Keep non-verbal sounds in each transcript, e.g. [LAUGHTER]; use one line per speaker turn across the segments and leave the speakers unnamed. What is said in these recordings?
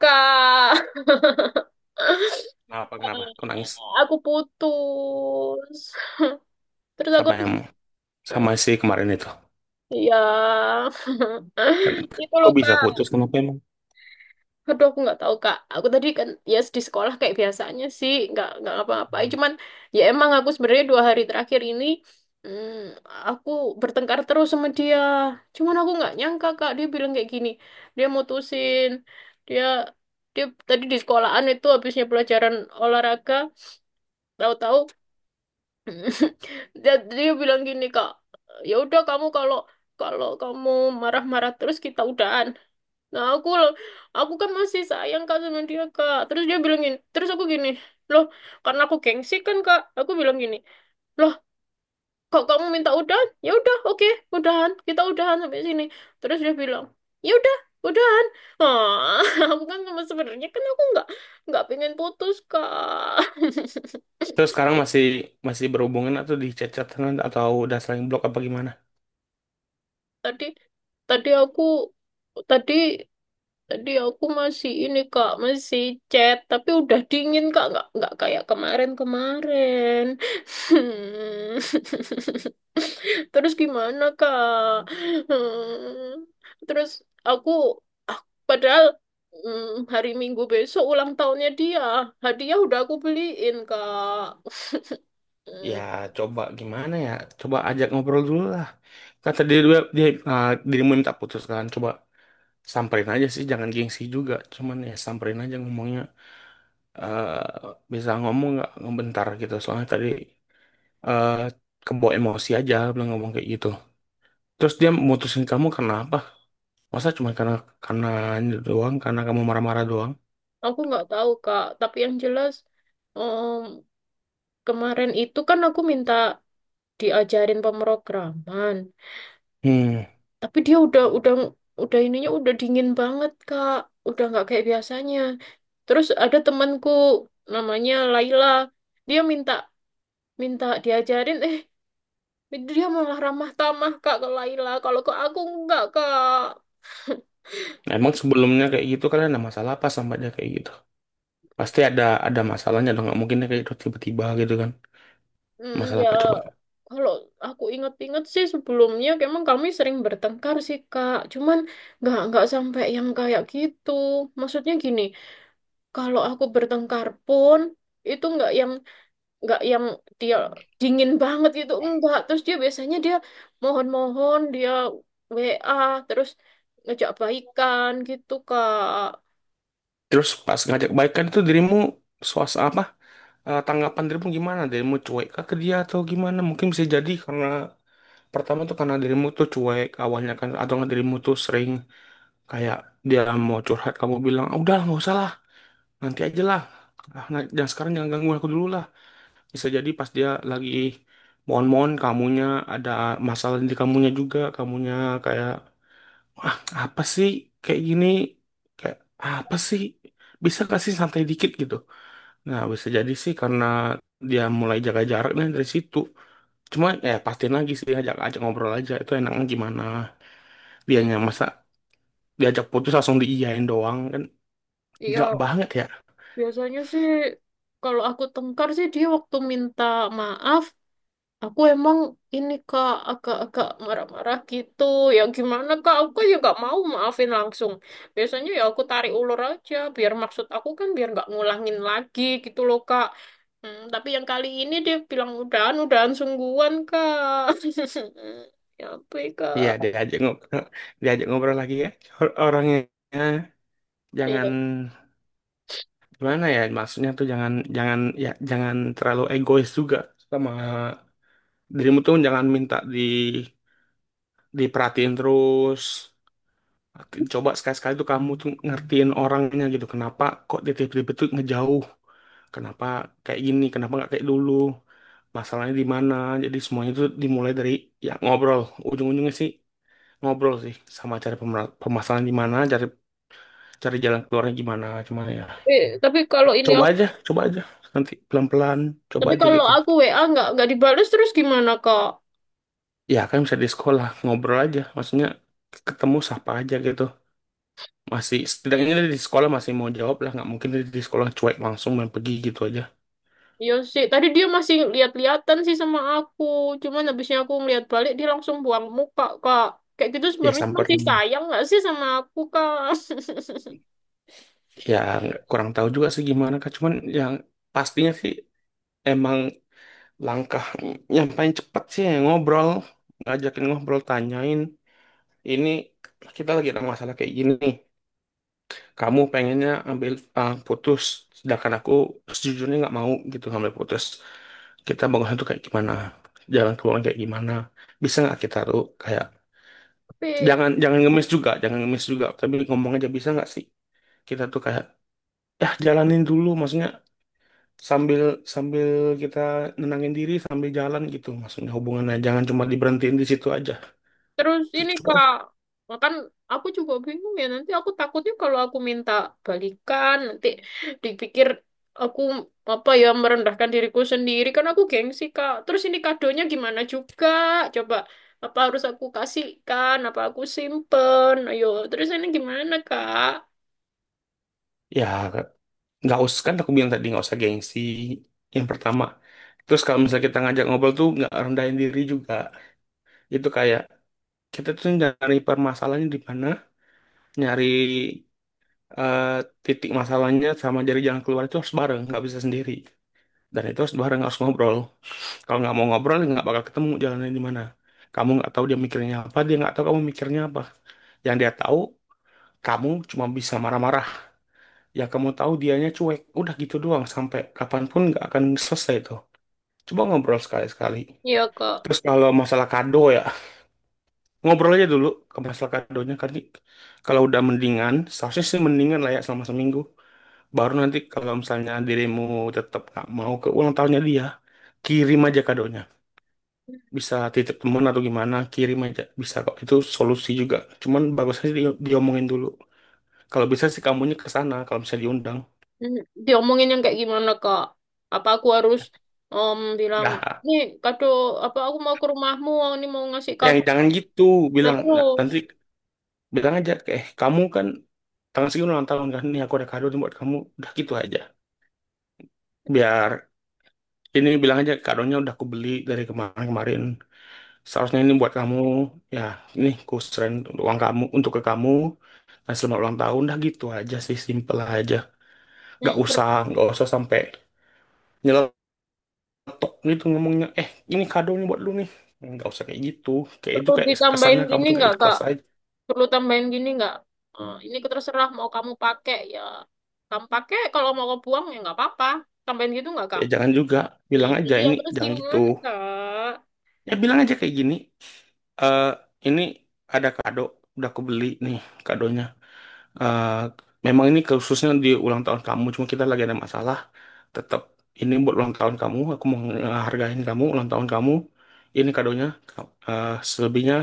Kak,
Kenapa, kenapa? Kau nangis
aku putus. Terus aku
sama
harus...
yang sama si kemarin itu?
Iya.
Kan,
[LAUGHS] Itu loh,
kok bisa
Kak.
putus? Kenapa emang?
Aduh, aku nggak tahu, Kak. Aku tadi kan, ya di sekolah kayak biasanya sih. Nggak apa-apa. Cuman, ya emang aku sebenarnya dua hari terakhir ini, hmm, aku bertengkar terus sama dia. Cuman aku nggak nyangka, Kak. Dia bilang kayak gini. Dia mutusin. Dia, dia tadi di sekolahan itu habisnya pelajaran olahraga. Tahu-tahu. [LAUGHS] Jadi dia bilang gini kak, ya udah kamu kalau kalau kamu marah-marah terus kita udahan. Nah aku lo- aku kan masih sayang kak sama dia kak. Terus dia bilang gini, terus aku gini, loh, karena aku gengsi kan kak, aku bilang gini, loh, kok kamu minta udahan? Ya udah, oke, udahan, kita udahan sampai sini. Terus dia bilang, ya udah udahan. Ah, [LAUGHS] aku kan sama sebenarnya kan aku nggak pengen putus kak. [LAUGHS]
Terus sekarang masih masih berhubungan atau di chat-chatan atau udah saling blok apa gimana?
Tadi tadi aku tadi Tadi aku masih ini kak, masih chat, tapi udah dingin kak, nggak kayak kemarin-kemarin. [LAUGHS] Terus gimana kak? [LAUGHS] Hmm. Terus aku, ah, padahal hari Minggu besok ulang tahunnya dia, hadiah udah aku beliin kak.
Ya,
Hmm.
coba gimana ya? Coba ajak ngobrol dulu lah. Kata dia dia, dia ah, dirimu minta putus kan? Coba samperin aja sih, jangan gengsi juga. Cuman ya samperin aja ngomongnya. Bisa ngomong nggak ngebentar gitu. Soalnya tadi eh kebawa emosi aja, bilang ngomong kayak gitu. Terus dia mutusin kamu karena apa? Masa cuma karena ini doang, karena kamu marah-marah doang?
Aku nggak tahu kak, tapi yang jelas, em, kemarin itu kan aku minta diajarin pemrograman.
Hmm,
Tapi dia udah ininya udah dingin banget, Kak. Udah nggak kayak biasanya. Terus ada temanku namanya Laila. Dia minta minta diajarin, dia malah ramah tamah Kak ke Laila. Kalau ke aku enggak, Kak.
emang sebelumnya kayak gitu kalian ada masalah apa sama dia kayak gitu? Pasti ada masalahnya dong, nggak mungkin dia kayak gitu tiba-tiba gitu kan.
Hmm,
Masalah
ya
apa coba?
kalau aku inget-inget sih sebelumnya emang kami sering bertengkar sih, Kak. Cuman nggak sampai yang kayak gitu. Maksudnya gini, kalau aku bertengkar pun itu nggak yang dia dingin banget gitu enggak, terus dia biasanya dia mohon-mohon, dia WA terus ngejak baikan gitu Kak.
Terus pas ngajak baikan itu dirimu suas apa? Eh, tanggapan dirimu gimana? Dirimu cuek kah ke dia atau gimana? Mungkin bisa jadi karena pertama tuh karena dirimu tuh cuek awalnya kan atau nggak dirimu tuh sering kayak dia mau curhat kamu bilang, "Ah, udah nggak usah lah, nanti aja lah. Ah, nah, jangan sekarang jangan gangguin aku dulu lah." Bisa jadi pas dia lagi mohon-mohon kamunya ada masalah di kamunya juga, kamunya kayak, ah, apa sih, kayak gini? Kayak apa sih? Bisa kasih santai dikit gitu. Nah, bisa jadi sih karena dia mulai jaga jaraknya dari situ. Cuma ya pastiin lagi sih, ajak ajak ngobrol aja itu enaknya gimana.
Hmm,
Dianya masa diajak putus langsung diiyain doang kan, nggak
ya
banget ya.
biasanya sih kalau aku tengkar sih dia waktu minta maaf, aku emang ini Kak agak-agak marah-marah gitu. Ya gimana Kak? Aku kan juga mau maafin langsung. Biasanya ya aku tarik ulur aja biar, maksud aku kan biar nggak ngulangin lagi gitu loh Kak. Hmm, tapi yang kali ini dia bilang udahan, udahan sungguhan Kak. [LAUGHS] Ya ampun
Iya,
Kak.
diajak ngobrol, [LAUGHS] diajak ngobrol lagi ya. Orangnya jangan,
Ya,
gimana ya, maksudnya tuh jangan jangan ya jangan terlalu egois juga. Sama dirimu tuh jangan minta diperhatiin terus, coba sekali-sekali tuh kamu tuh ngertiin orangnya gitu. Kenapa kok dia tiba-tiba tuh ngejauh, kenapa kayak gini, kenapa nggak kayak dulu, masalahnya di mana. Jadi semuanya itu dimulai dari ya ngobrol. Ujung-ujungnya sih ngobrol sih, sama cari permasalahan di mana, cari cari jalan keluarnya gimana. Cuman ya
tapi, tapi kalau ini
coba aja, coba aja, nanti pelan-pelan coba
tapi
aja
kalau
gitu.
aku WA nggak dibales terus gimana Kak?
Ya kan bisa di sekolah ngobrol aja, maksudnya ketemu siapa aja gitu. Masih setidaknya dia di sekolah masih mau jawab lah, nggak mungkin dia di sekolah cuek langsung main pergi gitu aja.
Iya sih, tadi dia masih lihat-lihatan sih sama aku. Cuman habisnya aku ngeliat balik, dia langsung buang muka, Kak. Kayak gitu
Ya
sebenarnya masih
samperin.
sayang nggak sih sama aku, Kak?
Ya nggak, kurang tahu juga sih gimana kak, cuman yang pastinya sih emang langkah yang paling cepat sih ya ngobrol, ngajakin ngobrol, tanyain ini kita lagi ada masalah kayak gini, kamu pengennya ambil, ah, putus, sedangkan aku sejujurnya nggak mau gitu ngambil putus. Kita bangunnya tuh kayak gimana, jalan keluarnya kayak gimana, bisa nggak kita tuh kayak,
[LAUGHS] Tapi
jangan jangan ngemis juga, jangan ngemis juga, tapi ngomong aja bisa nggak sih kita tuh kayak ya jalanin dulu. Maksudnya sambil sambil kita nenangin diri sambil jalan, gitu maksudnya. Hubungannya jangan cuma diberhentiin di situ aja
Terus ini
gitu, coba.
Kak, kan aku juga bingung, ya nanti aku takutnya kalau aku minta balikan nanti dipikir aku apa ya, merendahkan diriku sendiri, kan aku gengsi Kak. Terus ini kadonya gimana juga? Coba, apa harus aku kasihkan? Apa aku simpen? Ayo, terus ini gimana Kak?
Ya nggak usah, kan aku bilang tadi nggak usah gengsi yang pertama. Terus kalau misalnya kita ngajak ngobrol tuh nggak rendahin diri juga, itu kayak kita tuh nyari permasalahannya di mana, nyari, eh, titik masalahnya sama jari jalan keluar itu harus bareng, nggak bisa sendiri. Dan itu harus bareng, harus ngobrol. Kalau nggak mau ngobrol ya nggak bakal ketemu jalannya di mana. Kamu nggak tahu dia mikirnya apa, dia nggak tahu kamu mikirnya apa. Yang dia tahu, kamu cuma bisa marah-marah. Ya kamu tahu dianya cuek, udah gitu doang sampai kapanpun nggak akan selesai itu. Coba ngobrol sekali-sekali.
Iya Kak.
Terus kalau masalah kado ya, ngobrol aja dulu ke masalah kadonya. Karena kalau udah mendingan, seharusnya sih mendingan lah ya selama seminggu. Baru nanti kalau misalnya dirimu tetap nggak mau ke ulang tahunnya dia, kirim aja kadonya. Bisa titip temen atau gimana, kirim aja. Bisa kok, itu solusi juga. Cuman bagusnya sih diomongin dulu. Kalau bisa sih kamunya ke sana, kalau bisa diundang.
Hmm. Diomongin yang kayak gimana Kak? Apa aku harus bilang,
Nah,
nih kado, apa aku mau ke rumahmu, ini mau ngasih
yang
kado.
jangan gitu.
Nah
Bilang, nah, nanti
terus.
bilang aja, eh kamu kan tanggal segini ulang tahun kan, nih aku ada kado nih buat kamu, udah gitu aja. Biar ini, bilang aja kadonya udah aku beli dari kemarin-kemarin, seharusnya ini buat kamu ya, ini ku serahin uang kamu untuk ke kamu, dan selamat ulang tahun, dah gitu aja sih, simple aja. Gak
Hmm.
usah, sampai nyeletuk gitu ngomongnya, eh ini kadonya buat lu nih, nggak usah kayak gitu, kayak itu
Perlu
kayak
ditambahin
kesannya kamu
gini
tuh nggak
nggak, Kak?
ikhlas aja.
Perlu tambahin gini nggak? Eh, ini terserah mau kamu pakai ya. Kamu pakai, kalau mau kamu buang ya nggak apa-apa. Tambahin gitu nggak, Kak?
Ya jangan juga, bilang aja,
Iya,
ini
terus
jangan gitu.
gimana, Kak?
Ya bilang aja kayak gini, eh ini ada kado, udah aku beli nih kadonya. Eh, memang ini khususnya di ulang tahun kamu, cuma kita lagi ada masalah. Tetap ini buat ulang tahun kamu, aku mau menghargain kamu, ulang tahun kamu. Ini kadonya, selebihnya,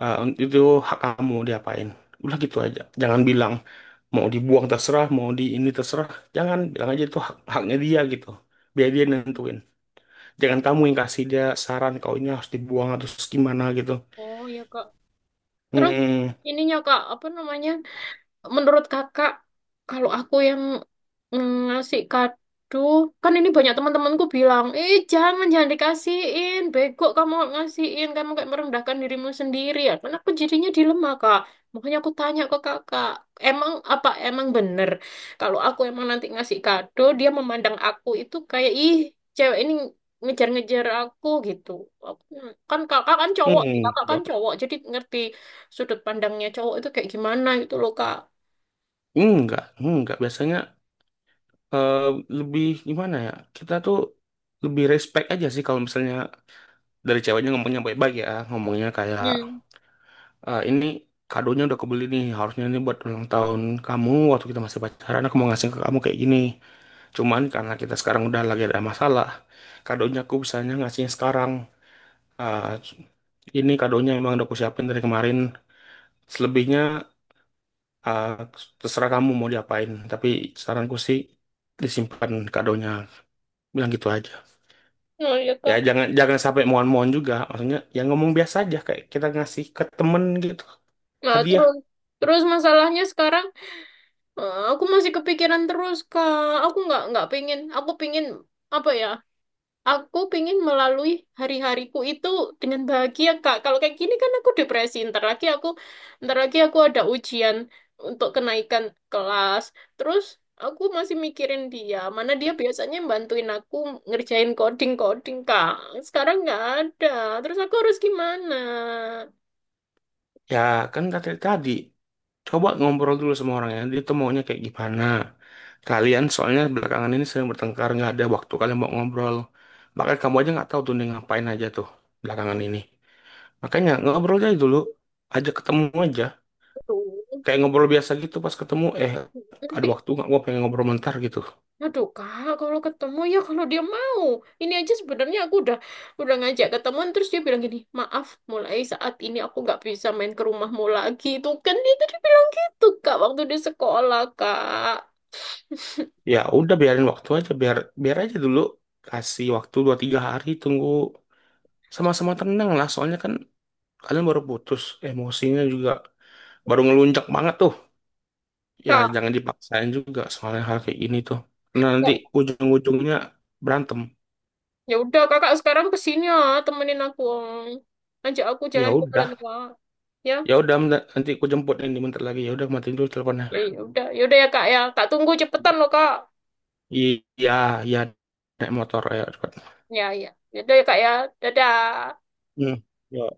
eh, itu hak kamu diapain. Udah gitu aja, jangan bilang mau dibuang terserah, mau di ini terserah. Jangan bilang aja itu haknya dia gitu. Biar dia
Hmm.
nentuin. Jangan kamu yang kasih dia saran, kau ini harus dibuang atau terus gimana gitu.
Oh, ya Kak. Terus
Hmm,
ininya, Kak, apa namanya? Menurut kakak, kalau aku yang ngasih kado, kan ini banyak teman-temanku bilang, eh jangan, jangan dikasihin, bego kamu ngasihin, kamu kayak merendahkan dirimu sendiri. Ya kan aku jadinya dilema, Kak. Makanya aku tanya ke kakak, emang apa emang bener? Kalau aku emang nanti ngasih kado, dia memandang aku itu kayak, ih, cewek ini ngejar-ngejar aku gitu. Aku, kan kakak kan cowok,
hmm,
jadi ngerti sudut pandangnya cowok itu kayak gimana gitu loh, Kak.
enggak, enggak. Biasanya, eh, lebih gimana ya? Kita tuh lebih respect aja sih kalau misalnya dari ceweknya ngomongnya baik-baik ya, ngomongnya kayak,
Hmm.
"Eh, ini kadonya udah kebeli nih, harusnya ini buat ulang tahun kamu waktu kita masih pacaran aku mau ngasih ke kamu kayak gini. Cuman karena kita sekarang udah lagi ada masalah, kadonya aku bisanya ngasihnya sekarang. Ah, ini kadonya emang udah aku siapin dari kemarin. Selebihnya, ah, terserah kamu mau diapain, tapi saranku sih disimpan kadonya." Bilang gitu aja.
Oh iya
Ya
kak.
jangan, jangan sampai mohon-mohon juga. Maksudnya ya ngomong biasa aja kayak kita ngasih ke temen gitu,
Nah
hadiah.
terus terus masalahnya sekarang, aku masih kepikiran terus kak. Aku nggak pingin. Aku pingin apa ya? Aku pingin melalui hari-hariku itu dengan bahagia kak. Kalau kayak gini kan aku depresi. Ntar lagi aku, ntar lagi aku ada ujian untuk kenaikan kelas. Terus aku masih mikirin dia. Mana dia biasanya bantuin aku ngerjain coding-coding kak. Sekarang nggak ada. Terus aku harus gimana?
Ya kan kata tadi, coba ngobrol dulu sama orangnya, dia tuh maunya kayak gimana. Kalian soalnya belakangan ini sering bertengkar, nggak ada waktu kalian mau ngobrol, bahkan kamu aja nggak tahu tuh dia ngapain aja tuh belakangan ini. Makanya ngobrol aja dulu, ajak ketemu aja,
Aduh.
kayak ngobrol biasa gitu pas ketemu, eh ada
Nanti,
waktu nggak, gua pengen ngobrol bentar gitu.
aduh kak, kalau ketemu ya kalau dia mau. Ini aja sebenarnya aku udah ngajak ketemuan terus dia bilang gini, maaf, mulai saat ini aku nggak bisa main ke rumahmu lagi. Itu kan dia tadi bilang gitu kak waktu di sekolah kak. [LAUGHS]
Ya udah, biarin waktu aja, biar biar aja dulu. Kasih waktu 2 3 hari, tunggu sama-sama tenang lah, soalnya kan kalian baru putus, emosinya juga baru ngelunjak banget tuh. Ya
Kak,
jangan dipaksain juga, soalnya hal kayak gini tuh, karena nanti
kak,
ujung-ujungnya berantem.
ya udah kakak sekarang kesini ya, temenin aku. Ah. Ajak aku
Ya
jalan jalan
udah,
kak. Ya,
ya udah, nanti aku jemput ini bentar lagi, ya udah matiin dulu teleponnya.
ya udah ya. Kak tunggu cepetan loh kak.
Iya, iya, naik motor ya, cepat.
Ya ya, ya udah ya kak ya. Dadah.
Hmm. Ya.